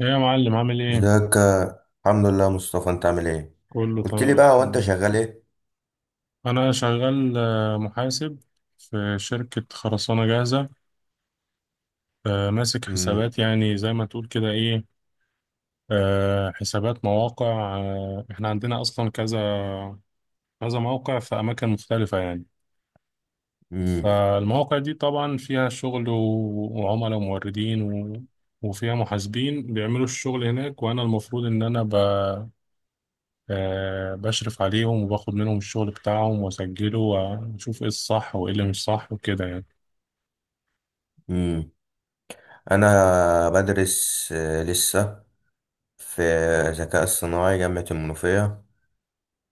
ايه يا معلم، عامل ايه؟ ازيك. الحمد لله يا مصطفى، انت عامل ايه؟ كله قلت لي تمام. بقى، هو انت شغال ايه؟ انا شغال، محاسب في شركة خرسانة جاهزة. ماسك امم. حسابات، يعني زي ما تقول كده، ايه. حسابات مواقع. احنا عندنا اصلا كذا كذا موقع في اماكن مختلفة، يعني. امم. فالمواقع دي طبعا فيها شغل وعملاء وموردين وفيها محاسبين بيعملوا الشغل هناك، وانا المفروض ان انا، بشرف عليهم وباخد منهم الشغل بتاعهم وأسجله وأشوف إيه الصح وإيه اللي مش صح وكده، يعني. امم. انا بدرس لسه في ذكاء اصطناعي جامعة المنوفية.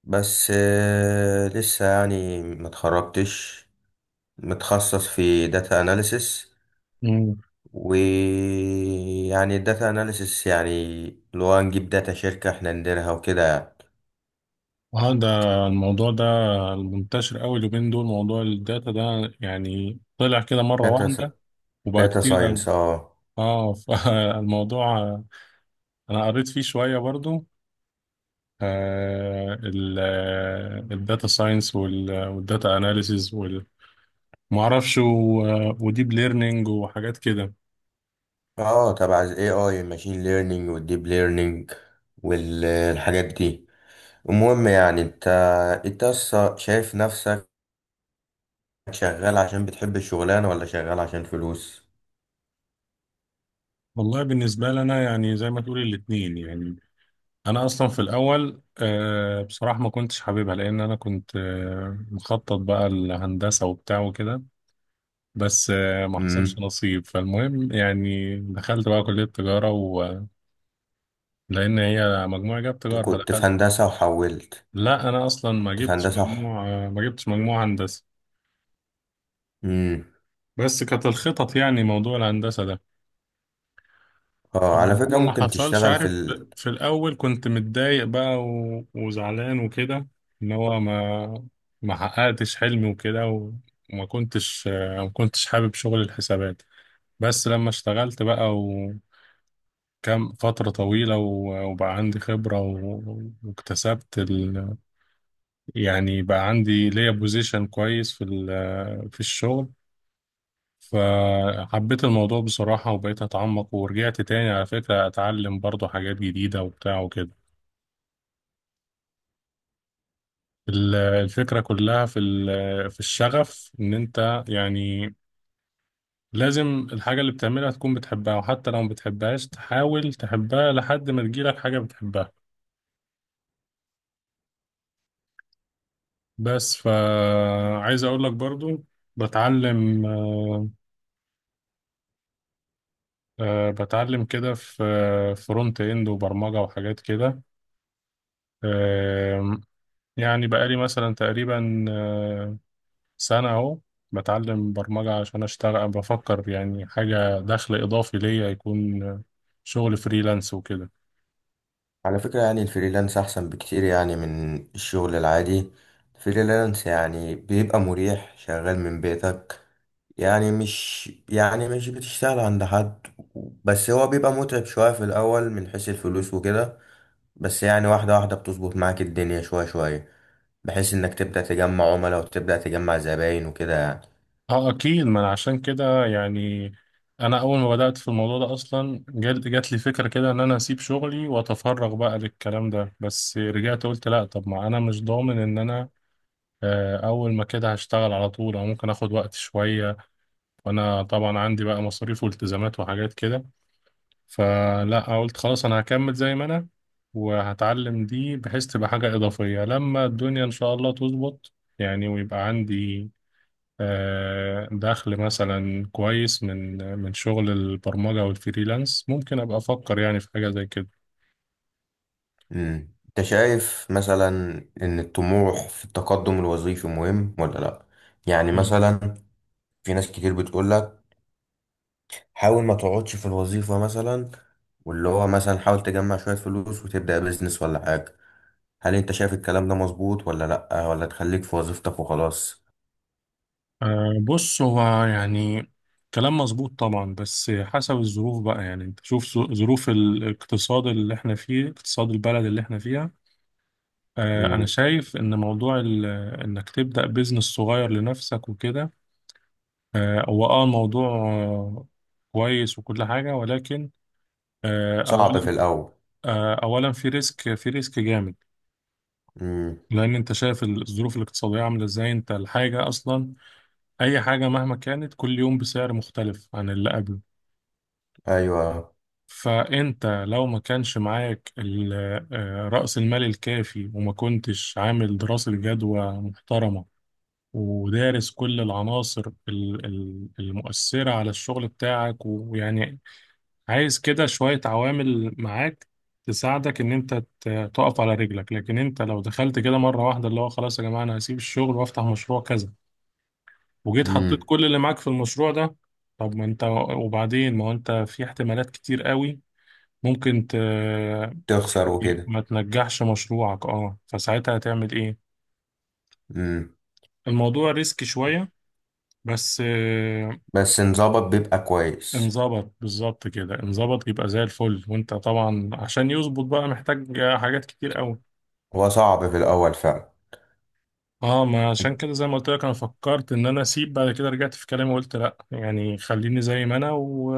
بس لسه يعني ما اتخرجتش. متخصص في داتا اناليسس. مم. ويعني الداتا اناليسس يعني اللي هو نجيب داتا شركة احنا نديرها وكده يعني. اه، ده الموضوع ده المنتشر قوي اليومين دول، موضوع الداتا ده يعني طلع كده مرة واحدة داتا وبقى داتا كتير قوي. ساينس. اه. اه، فالموضوع انا قريت فيه شوية برضو. آه الداتا ساينس والداتا اناليسيز ومعرفش وديب ليرنينج وحاجات كده. اه، تبع ال AI الماشين ليرنينج والديب ليرنينج والحاجات دي. المهم يعني انت أصلا شايف نفسك شغال عشان بتحب الشغلانة ولا شغال عشان فلوس؟ والله بالنسبة لنا يعني زي ما تقولي الاتنين، يعني انا اصلا في الاول، بصراحه ما كنتش حاببها، لان انا كنت، مخطط بقى الهندسه وبتاع وكده. بس، ما حصلش امم. نصيب. فالمهم يعني دخلت بقى كليه تجاره، ولان هي مجموعه جاب أنت تجاره كنت في دخلت. هندسة وحولت؟ لا، انا اصلا ما كنت في جبتش هندسة صح؟ مجموع، ما جبتش مجموع هندسه. امم. بس كانت الخطط يعني موضوع الهندسه ده اه، على فكرة ما ممكن حصلش، تشتغل عارف. في الأول كنت متضايق بقى و... وزعلان وكده، إن هو ما حققتش حلمي وكده، و... وما كنتش آه، ما كنتش حابب شغل الحسابات. بس لما اشتغلت بقى وكم فترة طويلة و... وبقى عندي خبرة و... واكتسبت ال... يعني بقى عندي ليا بوزيشن كويس في ال... في الشغل، فحبيت الموضوع بصراحة وبقيت أتعمق، ورجعت تاني على فكرة أتعلم برضو حاجات جديدة وبتاع وكده. الفكرة كلها في في الشغف، ان انت يعني لازم الحاجة اللي بتعملها تكون بتحبها، وحتى لو ما بتحبهاش تحاول تحبها لحد ما تجيلك حاجة بتحبها. بس، فعايز اقول لك برضو، بتعلم، بتعلم كده في فرونت اند وبرمجة وحاجات كده. آه، يعني بقالي مثلا تقريبا، سنة أهو، بتعلم برمجة عشان أشتغل. بفكر يعني حاجة دخل إضافي ليا يكون، شغل فريلانس وكده. على فكرة يعني الفريلانس احسن بكتير يعني من الشغل العادي. الفريلانس يعني بيبقى مريح، شغال من بيتك. يعني مش بتشتغل عند حد. بس هو بيبقى متعب شوية في الأول من حيث الفلوس وكده. بس يعني واحدة واحدة بتظبط معاك الدنيا شوية شوية، بحيث إنك تبدأ تجمع عملاء وتبدأ تجمع زباين وكده يعني. أه أكيد. ما أنا عشان كده يعني، أنا أول ما بدأت في الموضوع ده أصلا جات لي فكرة كده إن أنا أسيب شغلي وأتفرغ بقى للكلام ده، بس رجعت قلت لأ، طب ما أنا مش ضامن إن أنا، أول ما كده هشتغل على طول، أو ممكن آخد وقت شوية، وأنا طبعا عندي بقى مصاريف والتزامات وحاجات كده. فلا، قلت خلاص انا هكمل زي ما انا، وهتعلم دي بحيث تبقى حاجة إضافية لما الدنيا إن شاء الله تظبط، يعني ويبقى عندي، دخل مثلا كويس من من شغل البرمجة والفريلانس، ممكن أبقى أفكر يعني في حاجة زي كده. مم. أنت شايف مثلا إن الطموح في التقدم الوظيفي مهم ولا لأ؟ يعني نعم. مثلا في ناس كتير بتقولك حاول ما تقعدش في الوظيفة مثلا، واللي هو مثلا حاول تجمع شوية فلوس وتبدأ بيزنس ولا حاجة. هل انت شايف الكلام ده مظبوط ولا لأ، ولا تخليك في وظيفتك وخلاص؟ بص هو يعني كلام مظبوط طبعا، بس حسب الظروف بقى. يعني انت شوف ظروف الاقتصاد اللي احنا فيه، اقتصاد البلد اللي احنا فيها. أنا امم. شايف إن موضوع إنك تبدأ بيزنس صغير لنفسك وكده، هو أه الموضوع، كويس وكل حاجة، ولكن، صعب في أولا، الأول. آه، أولا في ريسك جامد. امم. لأن أنت شايف الظروف الاقتصادية عاملة إزاي. أنت الحاجة أصلا، أي حاجة مهما كانت، كل يوم بسعر مختلف عن اللي قبله. ايوه. فأنت لو ما كانش معاك رأس المال الكافي، وما كنتش عامل دراسة جدوى محترمة ودارس كل العناصر المؤثرة على الشغل بتاعك، ويعني عايز كده شوية عوامل معاك تساعدك إن أنت تقف على رجلك. لكن أنت لو دخلت كده مرة واحدة، اللي هو خلاص يا جماعة أنا هسيب الشغل وأفتح مشروع كذا، وجيت حطيت امم. كل اللي معاك في المشروع ده، طب ما أنت، وبعدين ما هو أنت في احتمالات كتير قوي، ممكن ت... تخسر يعني وكده. ما تنجحش مشروعك، اه، فساعتها هتعمل ايه؟ امم. الموضوع ريسك شوية بس. بس نظبط بيبقى كويس. انظبط بالظبط كده، انظبط يبقى زي الفل. وانت طبعا عشان يظبط بقى محتاج حاجات كتير قوي. هو صعب في الأول فعلا. اه، ما عشان كده زي ما قلت لك انا فكرت ان انا اسيب، بعد كده رجعت في كلامي وقلت لا، يعني خليني زي ما انا، و...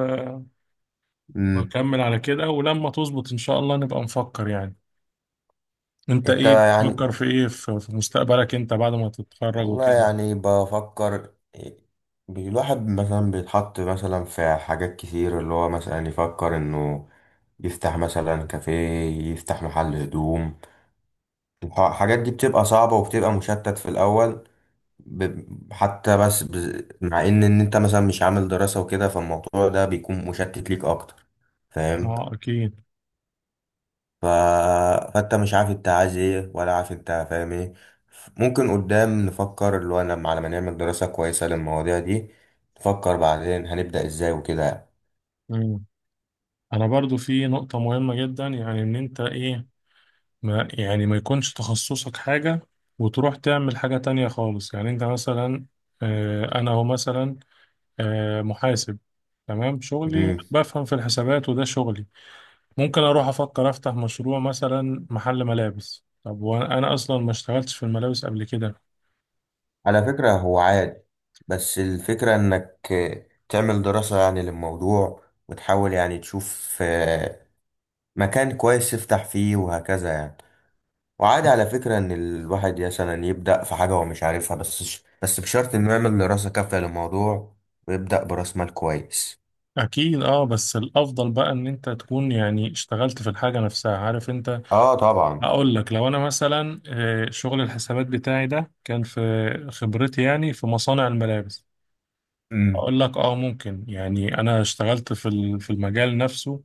امم. واكمل على كده، ولما تظبط ان شاء الله نبقى نفكر، يعني. انت انت ايه يعني، بتفكر في ايه في مستقبلك انت بعد ما تتخرج والله وكده؟ يعني بفكر. الواحد مثلا بيتحط مثلا في حاجات كتير، اللي هو مثلا يفكر انه يفتح مثلا كافيه، يفتح محل هدوم. الحاجات دي بتبقى صعبة وبتبقى مشتت في الأول. حتى بس مع ان انت مثلا مش عامل دراسة وكده، فالموضوع ده بيكون مشتت ليك اكتر. فاهم؟ اه اكيد. ف... فانت مش عارف انت عايز ايه، ولا عارف انت فاهم ايه. ممكن قدام نفكر، اللي هو لما على ما نعمل دراسة كويسة للمواضيع دي، نفكر بعدين هنبدأ ازاي وكده. مم. انا برضو في نقطة مهمة جدا، يعني ان انت ايه، ما يعني ما يكونش تخصصك حاجة وتروح تعمل حاجة تانية خالص. يعني انت مثلا، انا هو مثلا، محاسب، تمام، شغلي امم. بفهم في الحسابات وده شغلي. ممكن اروح افكر افتح مشروع مثلا محل ملابس، طب وانا، اصلا ما اشتغلتش في الملابس قبل كده. على فكرة هو عادي، بس الفكرة انك تعمل دراسة يعني للموضوع، وتحاول يعني تشوف مكان كويس تفتح فيه وهكذا يعني. وعادي على فكرة إن الواحد مثلا يبدأ في حاجة هو مش عارفها، بس بشرط إنه يعمل دراسة كافية للموضوع، ويبدأ برأس مال كويس. اكيد، اه. بس الافضل بقى ان انت تكون يعني اشتغلت في الحاجة نفسها، عارف انت. آه طبعا. اقول لك لو انا مثلا، شغل الحسابات بتاعي ده كان في خبرتي، يعني في مصانع الملابس، امم. اقول لك اه ممكن، يعني انا اشتغلت في في المجال نفسه،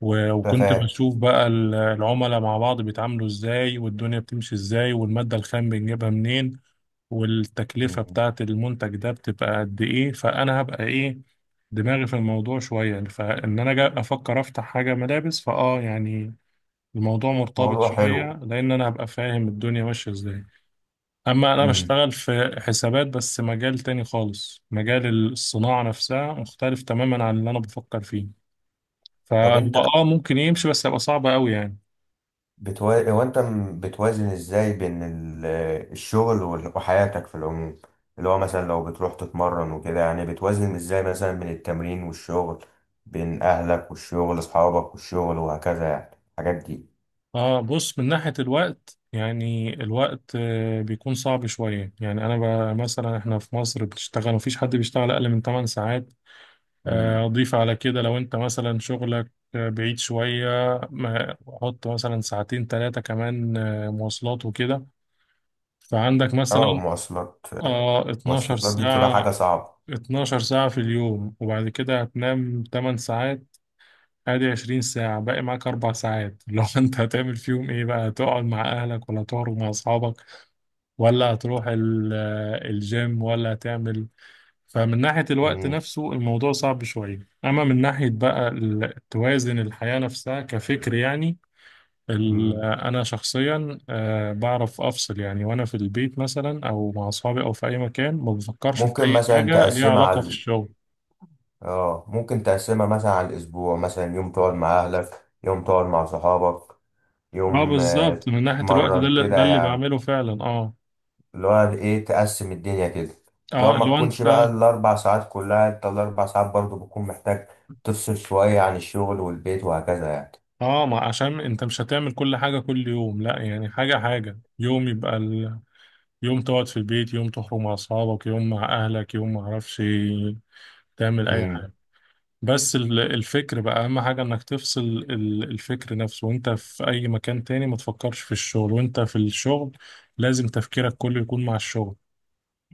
وكنت فاهم. بشوف بقى العملاء مع بعض بيتعاملوا ازاي، والدنيا بتمشي ازاي، والمادة الخام بنجيبها منين، والتكلفة مم. بتاعت المنتج ده بتبقى قد ايه. فانا هبقى ايه، دماغي في الموضوع شوية، فان انا جا افكر افتح حاجة ملابس فاه، يعني الموضوع مرتبط موضوع شوية، حلو. لان انا هبقى فاهم الدنيا ماشية ازاي. أما أنا امم. بشتغل في حسابات بس مجال تاني خالص، مجال الصناعة نفسها مختلف تماما عن اللي أنا بفكر فيه. طب فهو، أنت، آه ممكن يمشي، بس هيبقى صعب أوي، يعني. هو أنت بتوازن إزاي بين الشغل وحياتك في العموم؟ اللي هو مثلا لو بتروح تتمرن وكده، يعني بتوازن إزاي مثلا بين التمرين والشغل، بين أهلك والشغل، أصحابك والشغل وهكذا يعني الحاجات آه بص، من ناحية الوقت يعني، الوقت، بيكون صعب شوية. يعني أنا، مثلا إحنا في مصر بتشتغل مفيش حد بيشتغل أقل من 8 ساعات. دي. أضيف على كده لو أنت مثلا شغلك، بعيد شوية، حط مثلا ساعتين تلاتة كمان، مواصلات وكده. فعندك اه، مثلا، مواصلات. اه، 12 المواصلات دي بتبقى حاجة ساعة، صعبة. 12 ساعة في اليوم. وبعد كده هتنام 8 ساعات، ادي 20 ساعة. باقي معاك 4 ساعات لو انت، هتعمل فيهم ايه بقى؟ هتقعد مع اهلك، ولا تخرج مع اصحابك، ولا هتروح الجيم، ولا هتعمل. فمن ناحية الوقت مم. نفسه الموضوع صعب شوية. اما من ناحية بقى توازن الحياة نفسها كفكر، يعني مم. انا شخصيا، بعرف افصل. يعني وانا في البيت مثلا، او مع اصحابي، او في اي مكان، ما بفكرش في ممكن اي مثلا حاجه ليها تقسمها علاقه في على، الشغل. اه ممكن تقسمها مثلا على الأسبوع، مثلا يوم تقعد مع أهلك، يوم تقعد مع صحابك، اه يوم بالظبط. من ناحيه الوقت، ده تتمرن اللي، كده يعني. بعمله فعلا اه. اللي هو ايه، تقسم الدنيا كده. اللي هو اه ما لو تكونش بقى انت، الأربع ساعات كلها، انت الأربع ساعات برضو بتكون محتاج تفصل شوية عن الشغل والبيت وهكذا يعني. اه، ما عشان انت مش هتعمل كل حاجه كل يوم، لا، يعني حاجه حاجه. يوم يبقى ال... يوم تقعد في البيت، يوم تخرج مع اصحابك، يوم مع اهلك، يوم ما اعرفش، تعمل اي مم. حاجه. بس الفكر بقى اهم حاجة، انك تفصل الفكر نفسه، وانت في اي مكان تاني ما تفكرش في الشغل، وانت في الشغل لازم تفكيرك كله يكون مع الشغل.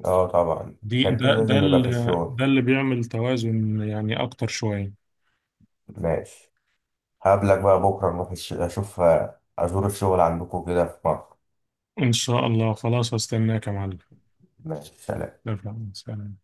اه طبعا، دي التركيز لازم يبقى في الشغل. ده اللي بيعمل توازن، يعني اكتر شوية. ماشي. هقابلك بقى بكرة نروح أشوف أزور الشغل عندكم كده في مصر. ان شاء الله، خلاص هستناك يا معلم. ماشي، سلام. لا، لا، سلام.